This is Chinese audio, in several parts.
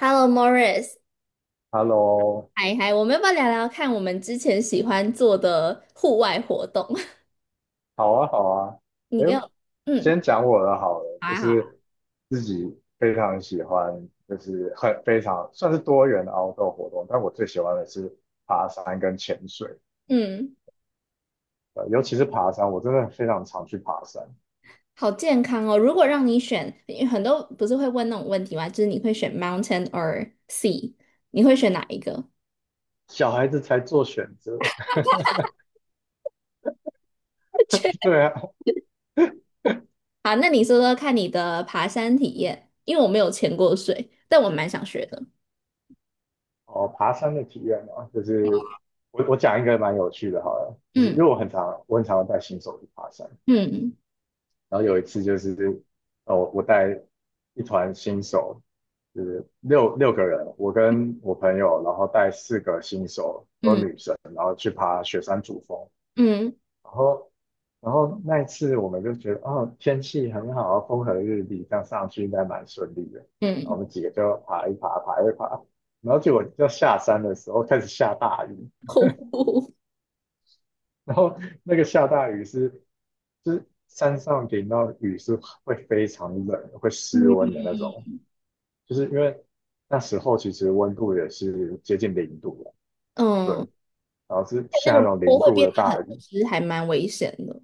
Hello, Morris，Hello，嗨嗨，我们要不要聊聊看我们之前喜欢做的户外活动？好啊，好啊。你哎，跟我，嗯先讲我的好了，好就啊，好啊，是自己非常喜欢，就是很非常算是多元的 outdoor 活动，但我最喜欢的是爬山跟潜水，嗯，尤其是爬山，我真的非常常去爬山。好健康哦。如果让你选，因为很多不是会问那种问题吗？就是你会选 mountain or sea，你会选哪一个？小孩子才做选择，确 对啊。好，那你说说看你的爬山体验，因为我没有潜过水，但我蛮想学的。哦，爬山的体验嘛，就是我讲一个蛮有趣的，好了，就是因为嗯我很常带新手去爬山，嗯然后有一次就是，哦，我带一团新手，就是六个人，我跟我朋友，然后带四个新手，都是嗯女生，然后去爬雪山主峰。嗯然后，然后那一次我们就觉得，哦，天气很好，风和日丽，这样上去应该蛮顺利的。然后我嗯，们几个就爬一爬，爬一爬，然后结果要下山的时候开始下大雨，瀑布，然后那个下大雨是就是山上淋到雨是会非常冷，会失温嗯的那种，就是因为那时候其实温度也是接近零度了，对，嗯，然后是那下那个种坡零会度变的得很大雨，湿，还蛮危险的。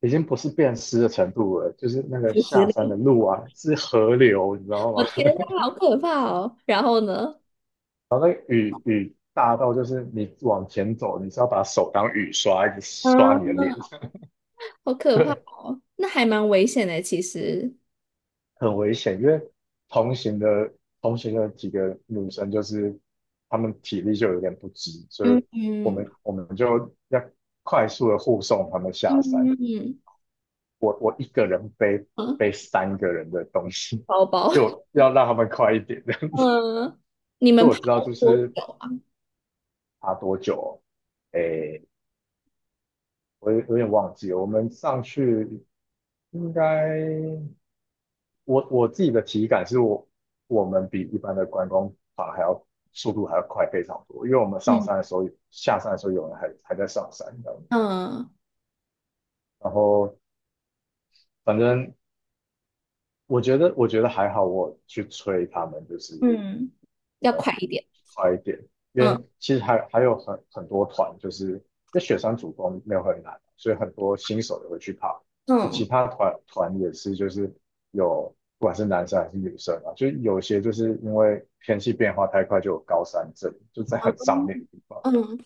已经不是变湿的程度了，就是那个五十下年，山的路啊是河流，你知道我吗？天呐，好可怕哦！然后呢？然后那个雨大到就是你往前走，你是要把手当雨刷一直啊，刷你的脸，好 可怕对。哦，那还蛮危险的，其实。很危险，因为同行的同行的几个女生就是她们体力就有点不支，所以嗯我嗯们我们就要快速的护送她们下山。嗯我一个人背嗯，背三个人的东西，包包，就要让他们快一点。嗯，你因为们我爬知道了就多是久啊？爬多久哦，诶，我有点忘记了，我们上去应该我自己的体感是我们比一般的观光团还要速度还要快非常多，因为我们上山嗯的时候、下山的时候，有人还在上山，你知道吗？嗯然后反正我觉得还好，我去催他们，就是嗯，要快一点。快一点，因嗯为其实还有很多团，就是那雪山主峰没有很难，所以很多新手也会去爬。就嗯其他团也是，就是有不管是男生还是女生啊，就有些就是因为天气变化太快，就有高山症，就在很上面的地方。嗯，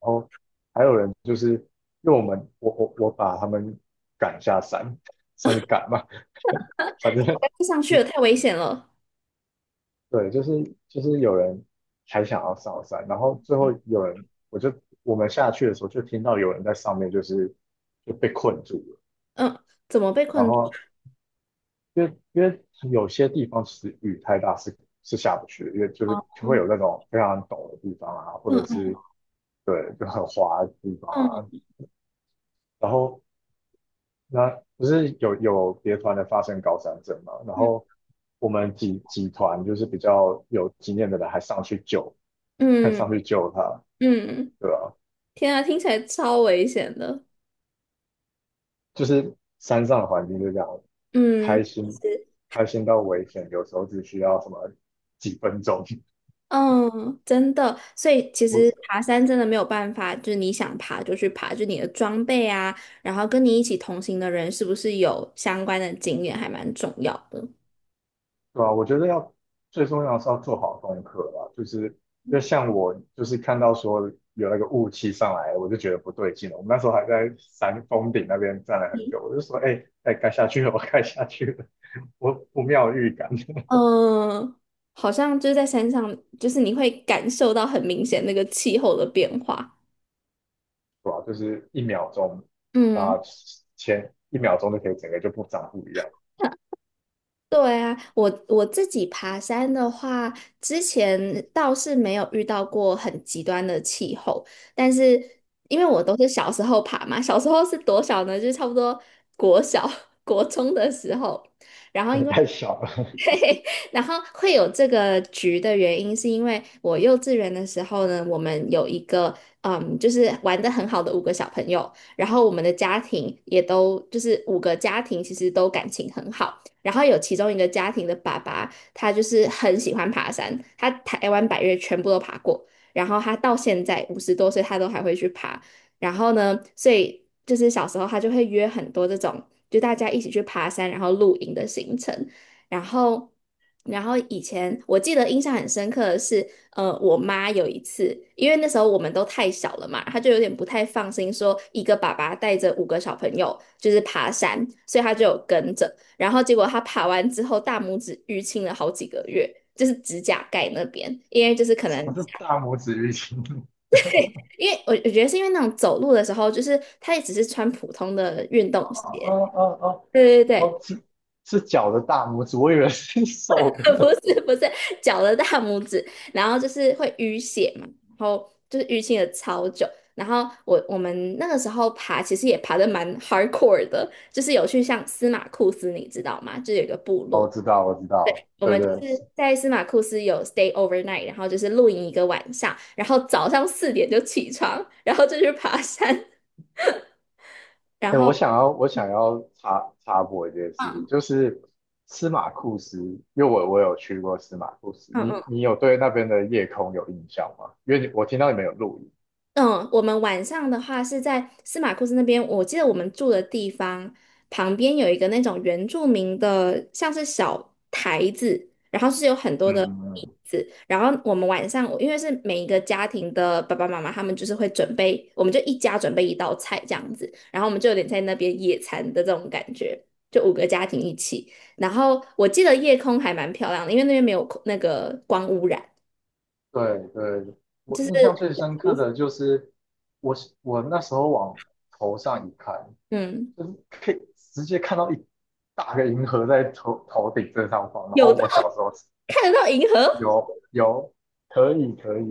然后还有人就是因为我们我把他们赶下山，算是赶嘛，反正。我快不上去了，太危险了。对，就是有人还想要上山，然后最后有人，我就我们下去的时候就听到有人在上面就被困住了，嗯，怎么被然困住？后因为有些地方其实雨太大是下不去的，因为哦就会有那种非常陡的地方啊，或嗯者嗯是对就很滑的地方啊，然后那不是有别团的发生高山症嘛，然嗯后我们几团就是比较有经验的人还上去救，还嗯上去救他。嗯，对啊，天啊，听起来超危险的。就是山上的环境就这样，嗯，开心，开心到危险，有时候只需要什么几分钟。嗯，真的，所以其实我，爬山真的没有办法，就是你想爬就去爬，就你的装备啊，然后跟你一起同行的人是不是有相关的经验，还蛮重要的。对啊，我觉得要最重要的是要做好功课吧，就是因为像我就是看到说有那个雾气上来，我就觉得不对劲了。我们那时候还在山峰顶那边站了很久，我就说，哎、哎，该下去了，我该下去了，我不妙预感。嗯，好像就是在山上，就是你会感受到很明显那个气候的变化。对吧，就是一秒钟嗯。啊、前一秒钟就可以整个就不一样，对啊，我自己爬山的话，之前倒是没有遇到过很极端的气候，但是因为我都是小时候爬嘛，小时候是多小呢？就是差不多国小、国中的时候，然后因为太小了。对，然后会有这个局的原因，是因为我幼稚园的时候呢，我们有一个嗯，就是玩的很好的五个小朋友，然后我们的家庭也都就是五个家庭其实都感情很好，然后有其中一个家庭的爸爸，他就是很喜欢爬山，他台湾百岳全部都爬过，然后他到现在50多岁，他都还会去爬，然后呢，所以就是小时候他就会约很多这种。就大家一起去爬山，然后露营的行程。然后，然后以前我记得印象很深刻的是，我妈有一次，因为那时候我们都太小了嘛，她就有点不太放心，说一个爸爸带着五个小朋友就是爬山，所以她就有跟着。然后结果她爬完之后，大拇指淤青了好几个月，就是指甲盖那边，因为就是为可什么能。是大拇指淤青？因为我觉得是因为那种走路的时候，就是她也只是穿普通的运动哦鞋，哦哦哦对对哦，对，是脚的大拇指，我以为是手 不的。是不是脚的大拇指，然后就是会淤血嘛，然后就是淤青了超久。然后我们那个时候爬，其实也爬的蛮 hardcore 的，就是有去像司马库斯，你知道吗？就是有一个部 哦，落，知道，我知道了，我对们就是对。在司马库斯有 stay overnight，然后就是露营一个晚上，然后早上4点就起床，然后就去爬山，然哎，后我想要插播一件事情，嗯就是司马库斯，因为我有去过司马库斯，嗯嗯。你有对那边的夜空有印象吗？因为你我听到你们有录音。嗯，我们晚上的话是在司马库斯那边，我记得我们住的地方旁边有一个那种原住民的，像是小台子，然后是有很多的嗯嗯椅嗯，子，然后我们晚上，因为是每一个家庭的爸爸妈妈，他们就是会准备，我们就一家准备一道菜这样子，然后我们就有点在那边野餐的这种感觉，就五个家庭一起，然后我记得夜空还蛮漂亮的，因为那边没有空那个光污染，对对，我就印象是最深刻的就是我我那时候往头上一看，嗯，就是可以直接看到一大个银河在头顶正上方。然有后到我小时候看得到银河。有可以可以，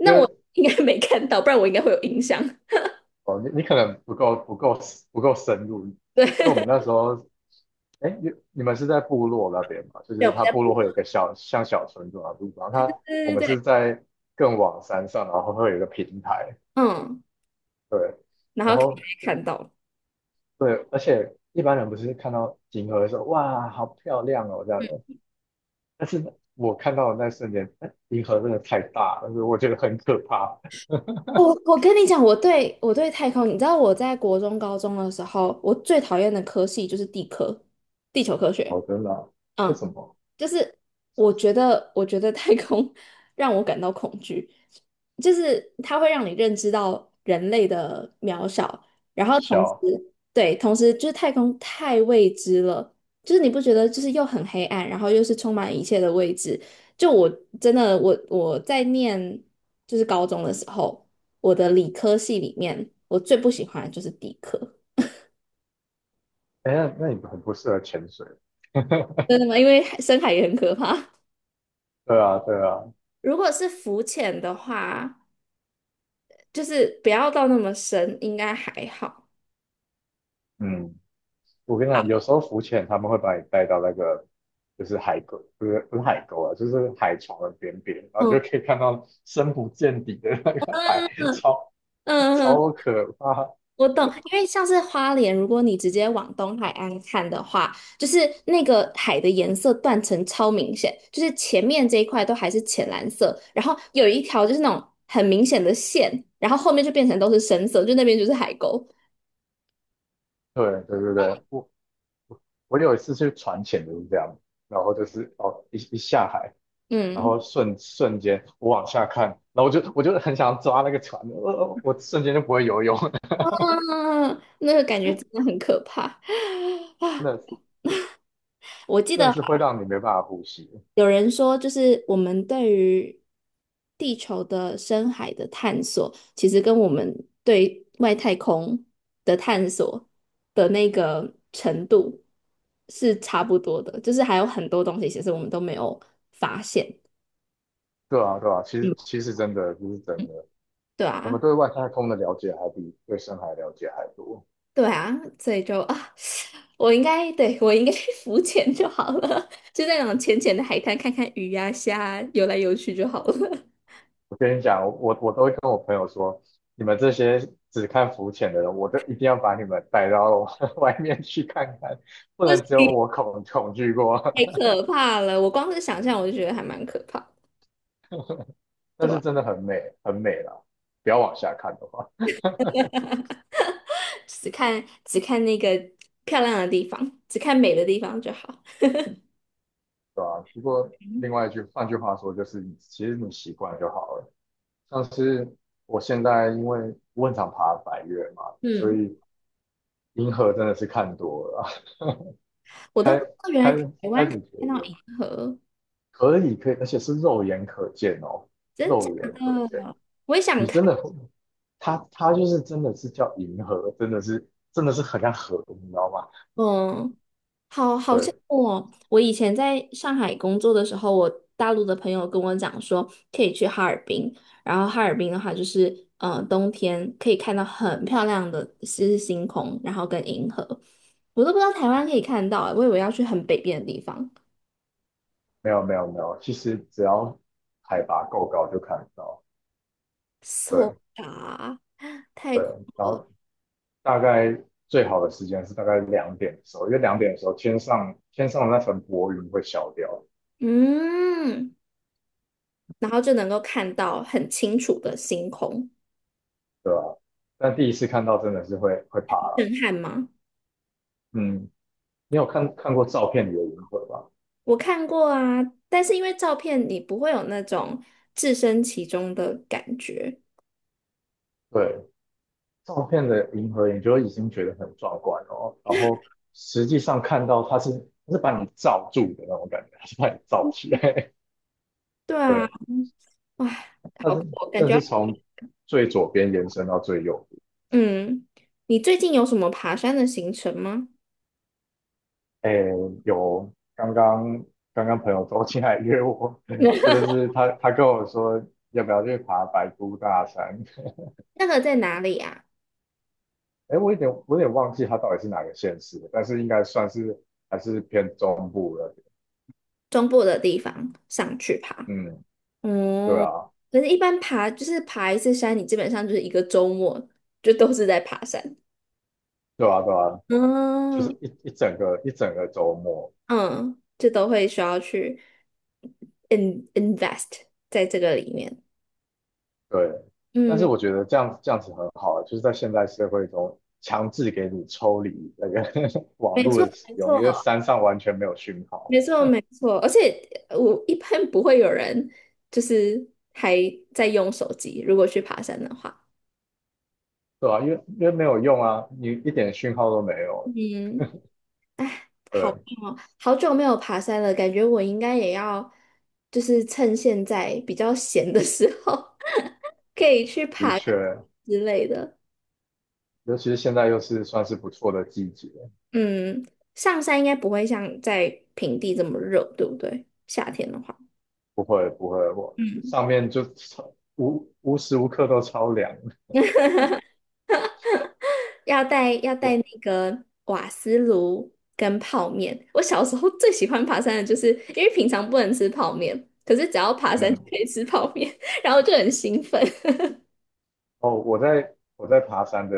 因为我 应该没看到，不然我应该会有印象。哦你可能不够深入，因对，为我们 那时候哎你们是在部落那边嘛，就对，是我们它在部落补。会有一个像小村庄的地方，我对对们是对，在更往山上，然后会有一个平台，嗯，对，然然后可后以看到。对，而且一般人不是看到银河的时候哇好漂亮哦这样，但是我看到的那瞬间，哎银河真的太大了，所以我觉得很可怕。我我跟你讲，我对太空，你知道我在国中、高中的时候，我最讨厌的科系就是地科，地球科学。哦，真的啊为嗯，什么？就是我觉得，我觉得太空 让我感到恐惧，就是它会让你认知到人类的渺小，渺然后同时，小。对，同时就是太空太未知了，就是你不觉得就是又很黑暗，然后又是充满一切的未知。就我真的，我在念就是高中的时候，我的理科系里面，我最不喜欢的就是地科，哎，那你很不适合潜水。真的吗？因为海深海也很可怕。对啊，对啊，如果是浮潜的话。就是不要到那么深，应该还好。嗯，我跟你讲，有时候浮潜他们会把你带到那个就是海沟，不是不是海沟啊，就是海床的边边，然后你就嗯可以看到深不见底的那个海，超嗯嗯，超可怕。我懂，因为像是花莲，如果你直接往东海岸看的话，就是那个海的颜色断层超明显，就是前面这一块都还是浅蓝色，然后有一条就是那种很明显的线，然后后面就变成都是深色，就那边就是海沟。对对对对，我有一次去船潜就是这样，然后就是哦一下海，然嗯，后瞬间我往下看，然后我就很想抓那个船，我瞬间就不会游泳。啊，那个感觉真的很可怕 真啊！的我记真的得。是会让你没办法呼吸。有人说，就是我们对于地球的深海的探索，其实跟我们对外太空的探索的那个程度是差不多的，就是还有很多东西其实我们都没有发现。对啊，对啊，其实嗯，其实真的这是真的，对我们啊，对外太空的了解还比对深海了解还多。对啊，所以就啊，我应该去浮潜就好了，就在那种浅浅的海滩看看鱼呀、虾啊游来游去就好了。我跟你讲，我都会跟我朋友说，你们这些只看浮潜的人，我都一定要把你们带到 外面去看看，不为什能只有么？我恐惧过。太 可怕了！我光是想象我就觉得还蛮可怕的但对是吧？真的很美，很美啦，不要往下看的话。只看只看那个漂亮的地方，只看美的地方就好。对吧？不过另外一句，换句话说，就是你其实你习惯就好了。像是我现在因为我很常爬百月嘛，所嗯，以银河真的是看多了啊，我都开不知道原来台开湾可始觉以得喝可以可以，而且是肉眼可见哦，真假？肉眼可见，我也想你真看。的会，它就是真的是叫银河，真的是很像河，你知道吗？哦。好好羡对，慕哦！我以前在上海工作的时候，我大陆的朋友跟我讲说，可以去哈尔滨，然后哈尔滨的话就是，冬天可以看到很漂亮的是星空，然后跟银河，我都不知道台湾可以看到欸，我以为要去很北边的地方没有没有没有，其实只要海拔够高就看得到，，so 对啊太对，空，然后大概最好的时间是大概两点的时候，因为两点的时候天上的那层薄云会消掉，嗯，然后就能够看到很清楚的星空，对吧，但第一次看到真的是会怕了。震撼吗？嗯，你有看过照片里的银河吗？我看过啊，但是因为照片你不会有那种置身其中的感觉。对，照片的银河你就已经觉得很壮观哦，然后实际上看到它是把你罩住的那种感觉，它是把你罩起来。对啊，对，哇，它好酷是哦感真的觉要是从最左边延伸到最右。嗯，你最近有什么爬山的行程吗？哎，有刚刚朋友周进来约我，这就 是他跟我说要不要去爬白姑大山。那个在哪里啊？哎，我有点忘记他到底是哪个县市的，但是应该算是还是偏中部的。中部的地方上去爬。嗯，对哦，啊，可是，一般爬就是爬一次山，你基本上就是一个周末就都是在爬山 对啊，对啊，就是嗯一整个周末。嗯，就都会需要去 in invest 在这个里面。对，但是嗯。我觉得这样子很好啊，就是在现代社会中强制给你抽离那个 网没络错，的使没用，因为错，山上完全没有讯号。没错，没错。而且我一般不会有人就是还在用手机，如果去爬山的话。对啊，因为没有用啊，你一点讯号都没有。嗯，好对，棒哦，好久没有爬山了，感觉我应该也要就是趁现在比较闲的时候，可以去的爬个确，之类的。尤其是现在又是算是不错的季节，嗯，上山应该不会像在平地这么热，对不对？夏天的话，不会不会，我嗯。上面就超无时无刻都超凉。要带要带我那个瓦斯炉跟泡面。我小时候最喜欢爬山的就是，因为平常不能吃泡面，可是只要爬山就嗯，可以吃泡面，然后就很兴奋。哦，我在爬山的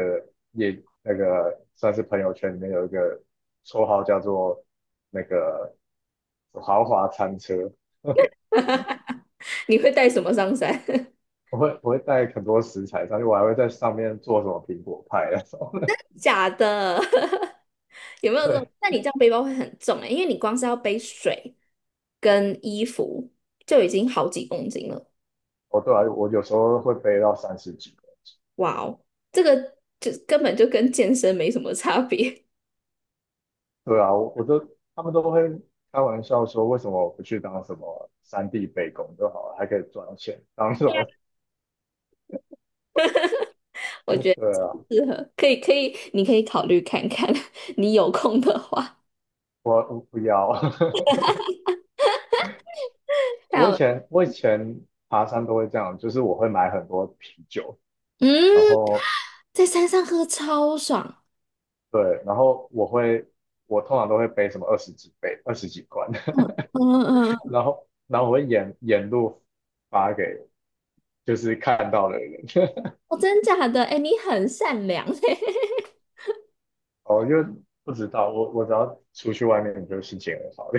也那个算是朋友圈里面有一个绰号叫做那个豪华餐车，你会带什么上山？我会带很多食材上去，我还会在上面做什么苹果派那种。假的，有没 有这种？对那你这样背包会很重哎、因为你光是要背水跟衣服就已经好几公斤了。哦，对啊，我有时候会背到30几个。哇哦，这个就根本就跟健身没什么差别。对啊，我我都他们都会开玩笑说，为什么我不去当什么3D 背工就好了，还可以赚钱，当什么？我觉 得对啊，适合，可以可以，你可以考虑看看，你有空的话。我不要。还我我以前爬山都会这样，就是我会买很多啤酒，然嗯，后在山上喝超爽。对，然后我通常都会背什么20几杯、20几罐，嗯嗯嗯，嗯然后我会沿路发给就是看到的人，哦，真假的？哎，你很善良 哦，因为不知道，我只要出去外面，我就心情很好，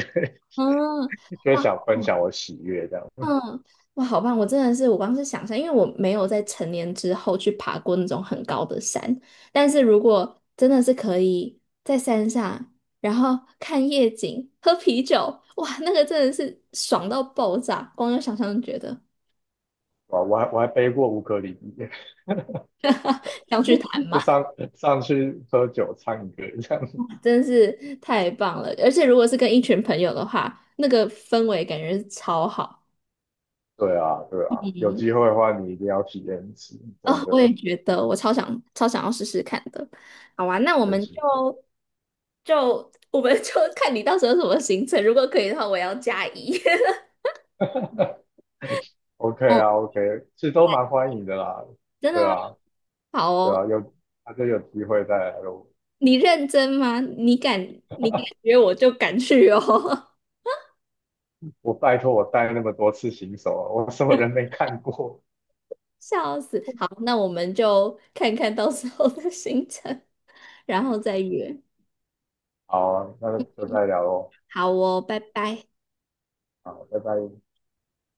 嗯，就哇，想分享我喜悦这样。嗯，哇，好棒！我真的是，我光是想象，因为我没有在成年之后去爬过那种很高的山，但是如果真的是可以在山上，然后看夜景、喝啤酒，哇，那个真的是爽到爆炸，光有想象就觉得。啊，我还背过乌克丽丽，上 去谈嘛，就上上去喝酒唱歌这样。真是太棒了！而且如果是跟一群朋友的话，那个氛围感觉是超好。对啊，对啊，有机会的话你一定要体验一次，哦，我也觉得，我超想超想要试试看的。好啊，那我真们就心会。就我们就 看你到时候什么行程，如果可以的话，我要加一。OK 哦，啊，OK，其实都蛮欢迎的啦。真的对吗？啊，好对啊，哦，他就有机会再来咯。你认真吗？你敢约我就敢去哦。我拜托我带那么多次新手啊，我什么人 没看过？笑死！好，那我们就看看到时候的行程，然后再约。好啊，那就再聊喽。好哦，拜拜。好，拜拜。